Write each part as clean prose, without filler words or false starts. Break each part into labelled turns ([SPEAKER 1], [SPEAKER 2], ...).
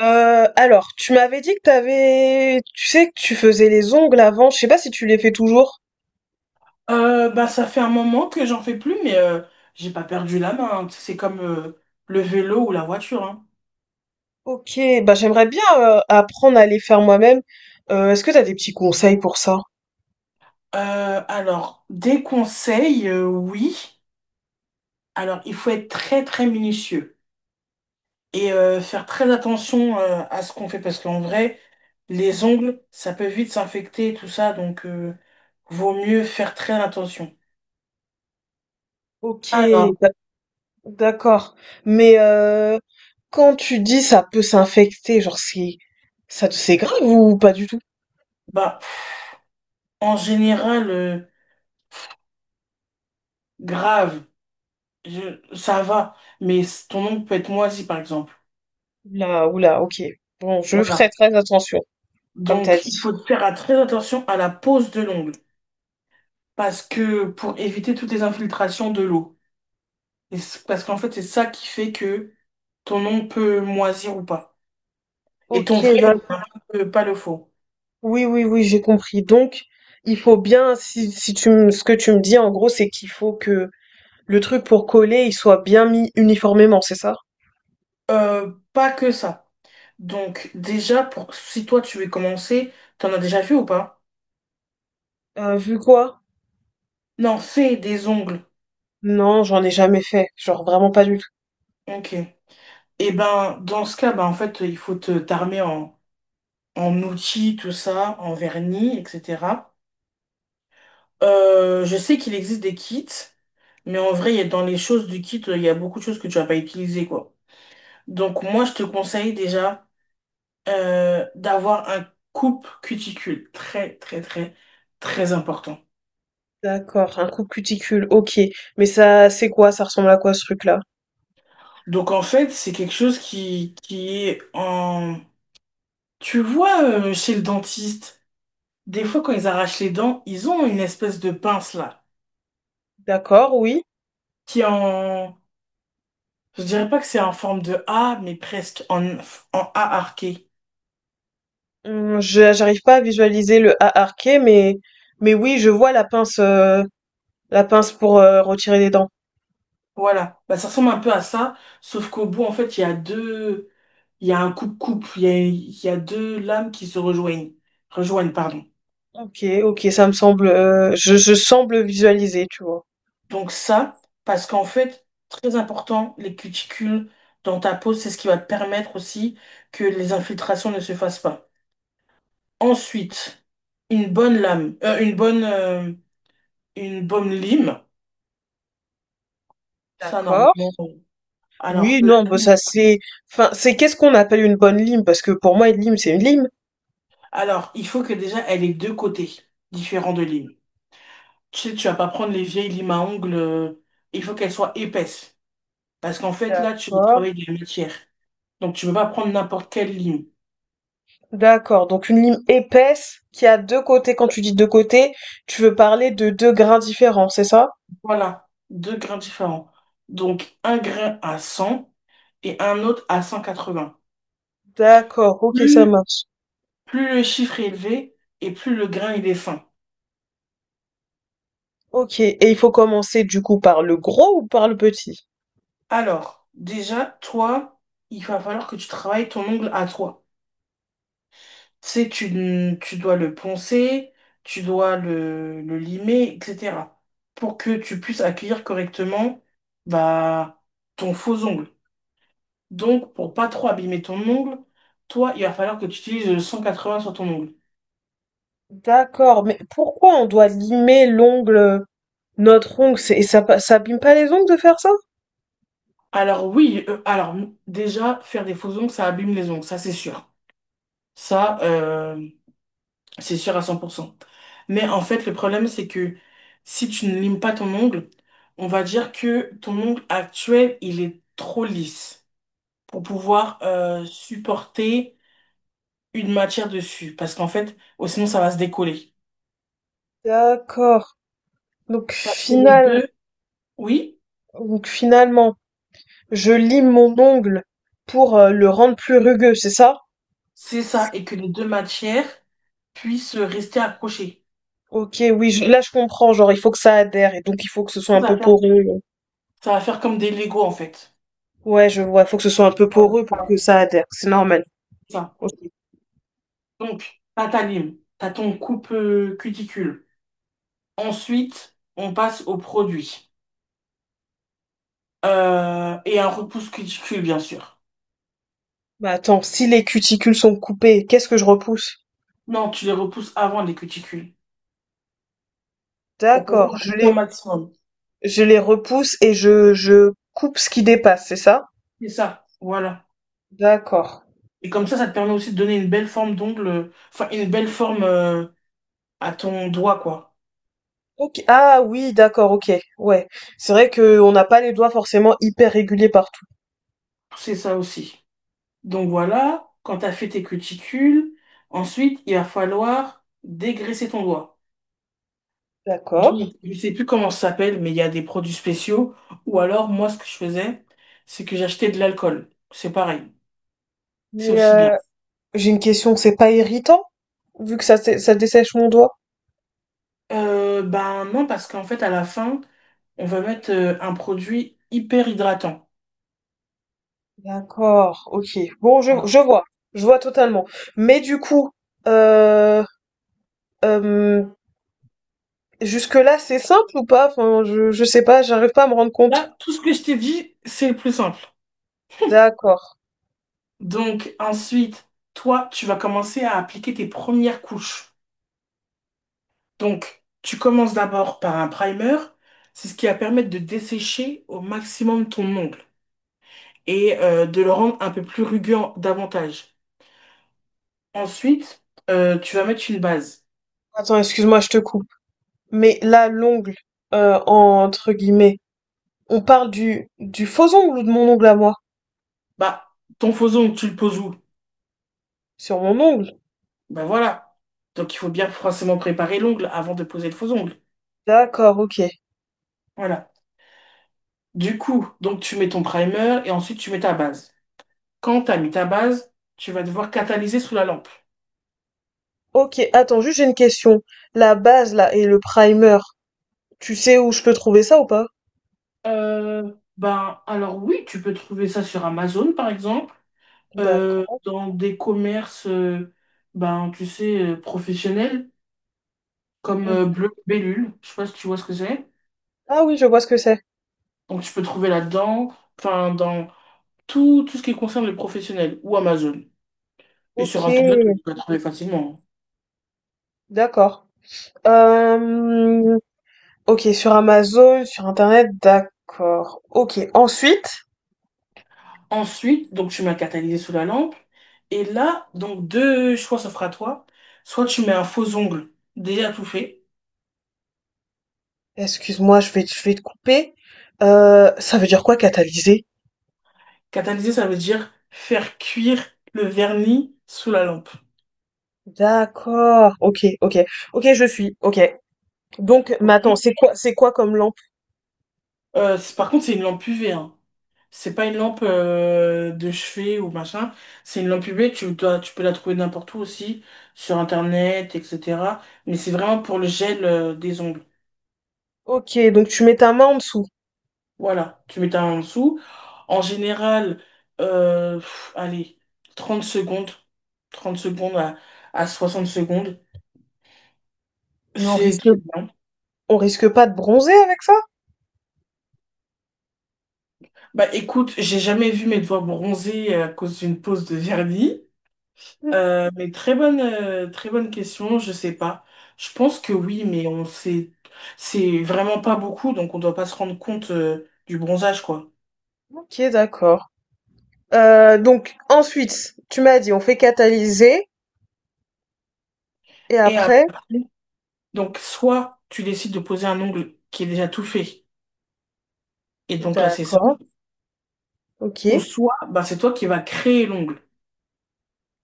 [SPEAKER 1] Tu m'avais dit que tu sais que tu faisais les ongles avant. Je sais pas si tu les fais toujours.
[SPEAKER 2] Bah, ça fait un moment que j'en fais plus, mais j'ai pas perdu la main, hein. C'est comme le vélo ou la voiture, hein.
[SPEAKER 1] Ok, bah j'aimerais bien apprendre à les faire moi-même. Est-ce que t'as des petits conseils pour ça?
[SPEAKER 2] Alors, des conseils, oui. Alors, il faut être très très minutieux et faire très attention à ce qu'on fait, parce qu'en vrai, les ongles, ça peut vite s'infecter, tout ça, donc vaut mieux faire très attention.
[SPEAKER 1] Ok,
[SPEAKER 2] Alors,
[SPEAKER 1] d'ac- d'accord. Mais quand tu dis ça peut s'infecter, genre ça c'est grave ou pas du tout?
[SPEAKER 2] bah, en général, grave, ça va, mais ton ongle peut être moisi, par exemple.
[SPEAKER 1] Là, oula, oula, ok. Bon, je ferai
[SPEAKER 2] Voilà.
[SPEAKER 1] très attention, comme t'as
[SPEAKER 2] Donc, il
[SPEAKER 1] dit.
[SPEAKER 2] faut faire très attention à la pose de l'ongle, parce que pour éviter toutes les infiltrations de l'eau. Parce qu'en fait, c'est ça qui fait que ton ongle peut moisir ou pas. Et
[SPEAKER 1] Ok.
[SPEAKER 2] ton vrai ongle, pas le faux.
[SPEAKER 1] Oui, oui, oui, j'ai compris. Donc, il faut bien, si tu me, ce que tu me dis, en gros, c'est qu'il faut que le truc pour coller, il soit bien mis uniformément, c'est ça?
[SPEAKER 2] Pas que ça. Donc, déjà, pour si toi tu veux commencer, t'en as déjà vu ou pas?
[SPEAKER 1] Vu quoi?
[SPEAKER 2] Non, fais des ongles.
[SPEAKER 1] Non, j'en ai jamais fait. Genre, vraiment pas du tout.
[SPEAKER 2] Ok. Et ben, dans ce cas, ben, en fait, il faut te t'armer en outils, tout ça, en vernis, etc. Je sais qu'il existe des kits. Mais en vrai, dans les choses du kit, il y a beaucoup de choses que tu vas pas utiliser, quoi. Donc moi, je te conseille déjà d'avoir un coupe cuticule. Très, très, très, très important.
[SPEAKER 1] D'accord, un coup de cuticule, ok. Mais ça, c'est quoi? Ça ressemble à quoi ce truc-là?
[SPEAKER 2] Donc en fait, c'est quelque chose qui est en. Tu vois, chez le dentiste, des fois quand ils arrachent les dents, ils ont une espèce de pince là,
[SPEAKER 1] D'accord, oui.
[SPEAKER 2] qui est en. Je dirais pas que c'est en forme de A, mais presque en A arqué.
[SPEAKER 1] J'arrive pas à visualiser le A arqué, mais oui, je vois la pince, la pince pour, retirer les dents.
[SPEAKER 2] Voilà, bah, ça ressemble un peu à ça, sauf qu'au bout, en fait, il y a un couple-couple, il y a deux lames qui se rejoignent, rejoignent, pardon.
[SPEAKER 1] OK, OK, ça me semble, je semble visualiser, tu vois?
[SPEAKER 2] Donc ça, parce qu'en fait, très important, les cuticules dans ta peau, c'est ce qui va te permettre aussi que les infiltrations ne se fassent pas. Ensuite, une bonne lame, une bonne lime, ça
[SPEAKER 1] D'accord.
[SPEAKER 2] normalement. Alors,
[SPEAKER 1] Oui,
[SPEAKER 2] la
[SPEAKER 1] non, bah,
[SPEAKER 2] lime-
[SPEAKER 1] ça c'est enfin, c'est qu'est-ce qu'on appelle une bonne lime? Parce que pour moi, une lime, c'est une lime.
[SPEAKER 2] alors, il faut que déjà, elle ait deux côtés différents de lime. Tu sais, tu vas pas prendre les vieilles limes à ongles, il faut qu'elles soient épaisses. Parce qu'en fait, là, tu veux
[SPEAKER 1] D'accord,
[SPEAKER 2] travailler de la matière. Donc, tu ne peux pas prendre n'importe quelle lime.
[SPEAKER 1] d'accord, donc une lime épaisse qui a 2 côtés. Quand tu dis 2 côtés, tu veux parler de 2 grains différents, c'est ça?
[SPEAKER 2] Voilà, deux grains différents. Donc, un grain à 100 et un autre à 180.
[SPEAKER 1] D'accord, ok, ça
[SPEAKER 2] Plus,
[SPEAKER 1] marche.
[SPEAKER 2] plus le chiffre est élevé et plus le grain il est fin.
[SPEAKER 1] Ok, et il faut commencer du coup par le gros ou par le petit?
[SPEAKER 2] Alors, déjà, toi, il va falloir que tu travailles ton ongle à toi. Tu dois le poncer, tu dois le limer, etc. Pour que tu puisses accueillir correctement, bah, ton faux ongle. Donc, pour pas trop abîmer ton ongle, toi, il va falloir que tu utilises le 180 sur ton ongle.
[SPEAKER 1] D'accord, mais pourquoi on doit limer l'ongle, notre ongle, et ça, ça abîme pas les ongles de faire ça?
[SPEAKER 2] Alors oui, déjà, faire des faux ongles, ça abîme les ongles, ça c'est sûr. Ça, euh, C'est sûr à 100%. Mais en fait, le problème, c'est que si tu ne limes pas ton ongle, on va dire que ton ongle actuel, il est trop lisse pour pouvoir supporter une matière dessus. Parce qu'en fait, oh, sinon, ça va se décoller.
[SPEAKER 1] D'accord. Donc
[SPEAKER 2] Parce que les
[SPEAKER 1] final,
[SPEAKER 2] deux, oui,
[SPEAKER 1] donc finalement, je lime mon ongle pour le rendre plus rugueux, c'est ça?
[SPEAKER 2] c'est ça. Et que les deux matières puissent rester accrochées.
[SPEAKER 1] Ok, oui, là je comprends, genre il faut que ça adhère et donc il faut que ce soit
[SPEAKER 2] Ça
[SPEAKER 1] un
[SPEAKER 2] va
[SPEAKER 1] peu
[SPEAKER 2] faire,
[SPEAKER 1] poreux.
[SPEAKER 2] Ça va faire comme des Legos, en fait.
[SPEAKER 1] Ouais, je vois, faut que ce soit un peu
[SPEAKER 2] Voilà,
[SPEAKER 1] poreux pour que ça adhère, c'est normal.
[SPEAKER 2] c'est ça.
[SPEAKER 1] Ok.
[SPEAKER 2] Donc, t'as ta lime, t'as ton coupe, cuticule. Ensuite, on passe au produit. Et un repousse cuticule, bien sûr.
[SPEAKER 1] Bah attends, si les cuticules sont coupées, qu'est-ce que je repousse?
[SPEAKER 2] Non, tu les repousses avant les cuticules pour pouvoir
[SPEAKER 1] D'accord,
[SPEAKER 2] en couper un maximum.
[SPEAKER 1] je les repousse et je coupe ce qui dépasse, c'est ça?
[SPEAKER 2] C'est ça, voilà.
[SPEAKER 1] D'accord.
[SPEAKER 2] Et comme ça te permet aussi de donner une belle forme d'ongle, enfin une belle forme à ton doigt, quoi.
[SPEAKER 1] Ok. Ah oui, d'accord, ok. Ouais. C'est vrai que on n'a pas les doigts forcément hyper réguliers partout.
[SPEAKER 2] C'est ça aussi. Donc voilà, quand tu as fait tes cuticules, ensuite, il va falloir dégraisser ton doigt. Donc,
[SPEAKER 1] D'accord.
[SPEAKER 2] je sais plus comment ça s'appelle, mais il y a des produits spéciaux. Ou alors, moi, ce que je faisais, c'est que j'achetais de l'alcool. C'est pareil. C'est
[SPEAKER 1] Mais
[SPEAKER 2] aussi bien.
[SPEAKER 1] j'ai une question, c'est pas irritant? Vu que ça, ça dessèche mon doigt?
[SPEAKER 2] Ben non, parce qu'en fait, à la fin, on va mettre un produit hyper hydratant.
[SPEAKER 1] D'accord, ok. Bon,
[SPEAKER 2] Voilà.
[SPEAKER 1] je vois totalement. Mais du coup, euh, euh, jusque-là, c'est simple ou pas? Enfin, je sais pas, j'arrive pas à me rendre compte.
[SPEAKER 2] Là, tout ce que je t'ai dit, c'est le plus simple.
[SPEAKER 1] D'accord.
[SPEAKER 2] Donc, ensuite, toi, tu vas commencer à appliquer tes premières couches. Donc, tu commences d'abord par un primer. C'est ce qui va permettre de dessécher au maximum ton ongle et de le rendre un peu plus rugueux davantage. Ensuite, tu vas mettre une base.
[SPEAKER 1] Attends, excuse-moi, je te coupe. Mais là, l'ongle, entre guillemets, on parle du faux ongle ou de mon ongle à moi?
[SPEAKER 2] Bah, ton faux ongle, tu le poses où?
[SPEAKER 1] Sur mon ongle?
[SPEAKER 2] Ben voilà. Donc il faut bien forcément préparer l'ongle avant de poser le faux ongle.
[SPEAKER 1] D'accord, ok.
[SPEAKER 2] Voilà. Du coup, donc tu mets ton primer et ensuite tu mets ta base. Quand tu as mis ta base, tu vas devoir catalyser sous la lampe.
[SPEAKER 1] Ok, attends, juste j'ai une question. La base, là, et le primer, tu sais où je peux trouver ça ou pas?
[SPEAKER 2] Ben alors oui, tu peux trouver ça sur Amazon par exemple,
[SPEAKER 1] D'accord.
[SPEAKER 2] dans des commerces, ben tu sais, professionnels, comme
[SPEAKER 1] Mhm.
[SPEAKER 2] Bleu Bellule, je sais pas si tu vois ce que c'est.
[SPEAKER 1] Ah oui, je vois ce que c'est.
[SPEAKER 2] Donc tu peux trouver là-dedans, enfin dans tout ce qui concerne les professionnels ou Amazon. Et
[SPEAKER 1] Ok,
[SPEAKER 2] sur Internet, tu peux la trouver facilement.
[SPEAKER 1] d'accord. Euh, ok, sur Amazon, sur Internet, d'accord. Ok, ensuite,
[SPEAKER 2] Ensuite, donc tu mets un catalyseur sous la lampe. Et là, donc deux choix s'offrent à toi. Soit tu mets un faux ongle déjà tout fait.
[SPEAKER 1] excuse-moi, je vais te couper. Ça veut dire quoi catalyser?
[SPEAKER 2] Catalyser, ça veut dire faire cuire le vernis sous la lampe.
[SPEAKER 1] D'accord, ok, ok. Ok, je suis, ok. Donc, mais attends,
[SPEAKER 2] Ok.
[SPEAKER 1] c'est quoi comme lampe?
[SPEAKER 2] Par contre, c'est une lampe UV, hein. C'est pas une lampe de chevet ou machin. C'est une lampe UV. Tu peux la trouver n'importe où aussi, sur Internet, etc. Mais c'est vraiment pour le gel, des ongles.
[SPEAKER 1] Ok, donc tu mets ta main en dessous.
[SPEAKER 2] Voilà, tu mets ta main en dessous. En général, allez, 30 secondes, 30 secondes à 60 secondes,
[SPEAKER 1] Mais
[SPEAKER 2] c'est très bien.
[SPEAKER 1] on risque pas de bronzer avec ça?
[SPEAKER 2] Bah écoute, j'ai jamais vu mes doigts bronzer à cause d'une pose de vernis.
[SPEAKER 1] Ok,
[SPEAKER 2] Mais très bonne question, je sais pas. Je pense que oui, mais on sait, c'est vraiment pas beaucoup, donc on doit pas se rendre compte, du bronzage, quoi.
[SPEAKER 1] d'accord. Donc ensuite, tu m'as dit on fait catalyser et
[SPEAKER 2] Et
[SPEAKER 1] après,
[SPEAKER 2] après, donc soit tu décides de poser un ongle qui est déjà tout fait, et donc là c'est ça.
[SPEAKER 1] d'accord, ok.
[SPEAKER 2] Ou soit, bah, c'est toi qui vas créer l'ongle.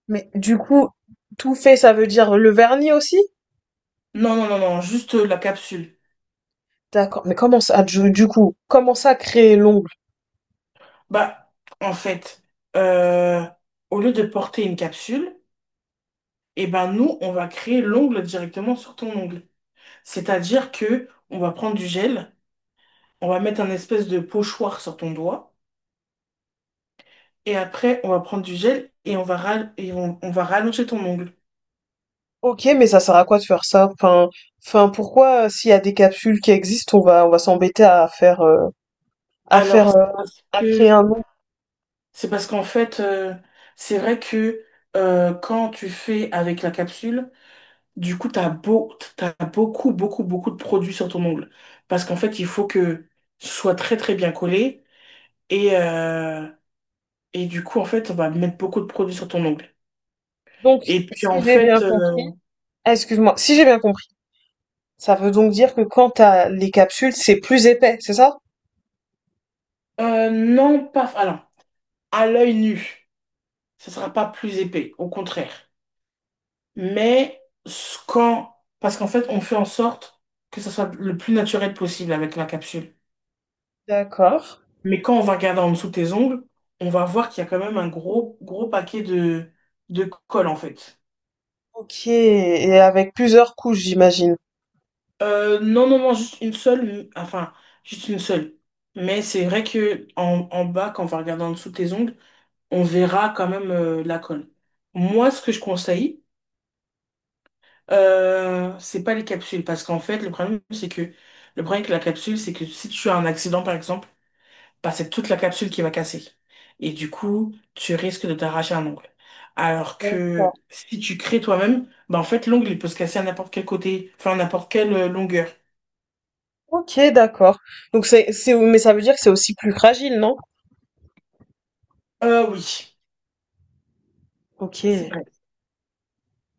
[SPEAKER 1] Mais du coup, tout fait, ça veut dire le vernis aussi?
[SPEAKER 2] Non, non, non, non, juste la capsule.
[SPEAKER 1] D'accord. Mais comment ça, du coup, comment ça créer l'ongle?
[SPEAKER 2] Bah, en fait, euh, au lieu de porter une capsule, eh ben nous, on va créer l'ongle directement sur ton ongle. C'est-à-dire que on va prendre du gel, on va mettre un espèce de pochoir sur ton doigt, et après, on va prendre du gel et on va rallonger ton ongle.
[SPEAKER 1] OK, mais ça sert à quoi de faire ça? Enfin, enfin, pourquoi, s'il y a des capsules qui existent, on va s'embêter à faire, à faire,
[SPEAKER 2] Alors,
[SPEAKER 1] à créer
[SPEAKER 2] que
[SPEAKER 1] un nom.
[SPEAKER 2] c'est parce qu'en fait, c'est vrai que quand tu fais avec la capsule, du coup, t'as beaucoup, beaucoup, beaucoup de produits sur ton ongle. Parce qu'en fait, il faut que ce soit très, très bien collé. Et, euh, et du coup, en fait, on va mettre beaucoup de produits sur ton ongle.
[SPEAKER 1] Donc,
[SPEAKER 2] Et puis,
[SPEAKER 1] si
[SPEAKER 2] en
[SPEAKER 1] j'ai bien
[SPEAKER 2] fait,
[SPEAKER 1] compris, ah, excuse-moi, si j'ai bien compris, ça veut donc dire que quand t'as les capsules, c'est plus épais, c'est ça?
[SPEAKER 2] non, pas, alors, à l'œil nu, ce sera pas plus épais, au contraire. Parce qu'en fait, on fait en sorte que ça soit le plus naturel possible avec la capsule.
[SPEAKER 1] D'accord.
[SPEAKER 2] Mais quand on va regarder en dessous de tes ongles, on va voir qu'il y a quand même un gros, gros paquet de colle, en fait.
[SPEAKER 1] OK et avec plusieurs couches, j'imagine?
[SPEAKER 2] Non, non, non, juste une seule, enfin, juste une seule. Mais c'est vrai que en bas, quand on va regarder en dessous de tes ongles, on verra quand même la colle. Moi, ce que je conseille, c'est pas les capsules, parce qu'en fait, le problème avec la capsule, c'est que si tu as un accident, par exemple, bah, c'est toute la capsule qui va casser. Et du coup, tu risques de t'arracher un ongle. Alors que
[SPEAKER 1] D'accord.
[SPEAKER 2] si tu crées toi-même, bah, en fait, l'ongle, il peut se casser à n'importe quel côté, enfin, à n'importe quelle longueur.
[SPEAKER 1] OK, d'accord. Donc c'est mais ça veut dire que c'est aussi plus fragile, non?
[SPEAKER 2] Ah oui,
[SPEAKER 1] OK.
[SPEAKER 2] c'est vrai.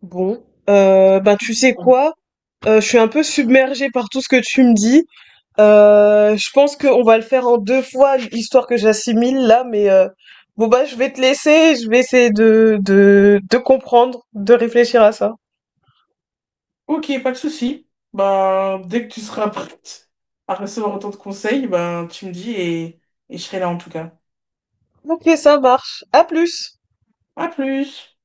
[SPEAKER 1] Bon, bah tu sais quoi? Je suis un peu submergée par tout ce que tu me dis. Je pense qu'on va le faire en deux fois, histoire que j'assimile là, mais bon bah je vais te laisser, je vais essayer de comprendre, de réfléchir à ça.
[SPEAKER 2] Ok, pas de souci. Bah, dès que tu seras prête à recevoir autant de conseils, ben tu me dis, et je serai là en tout cas.
[SPEAKER 1] Ok, ça marche. À plus.
[SPEAKER 2] À plus!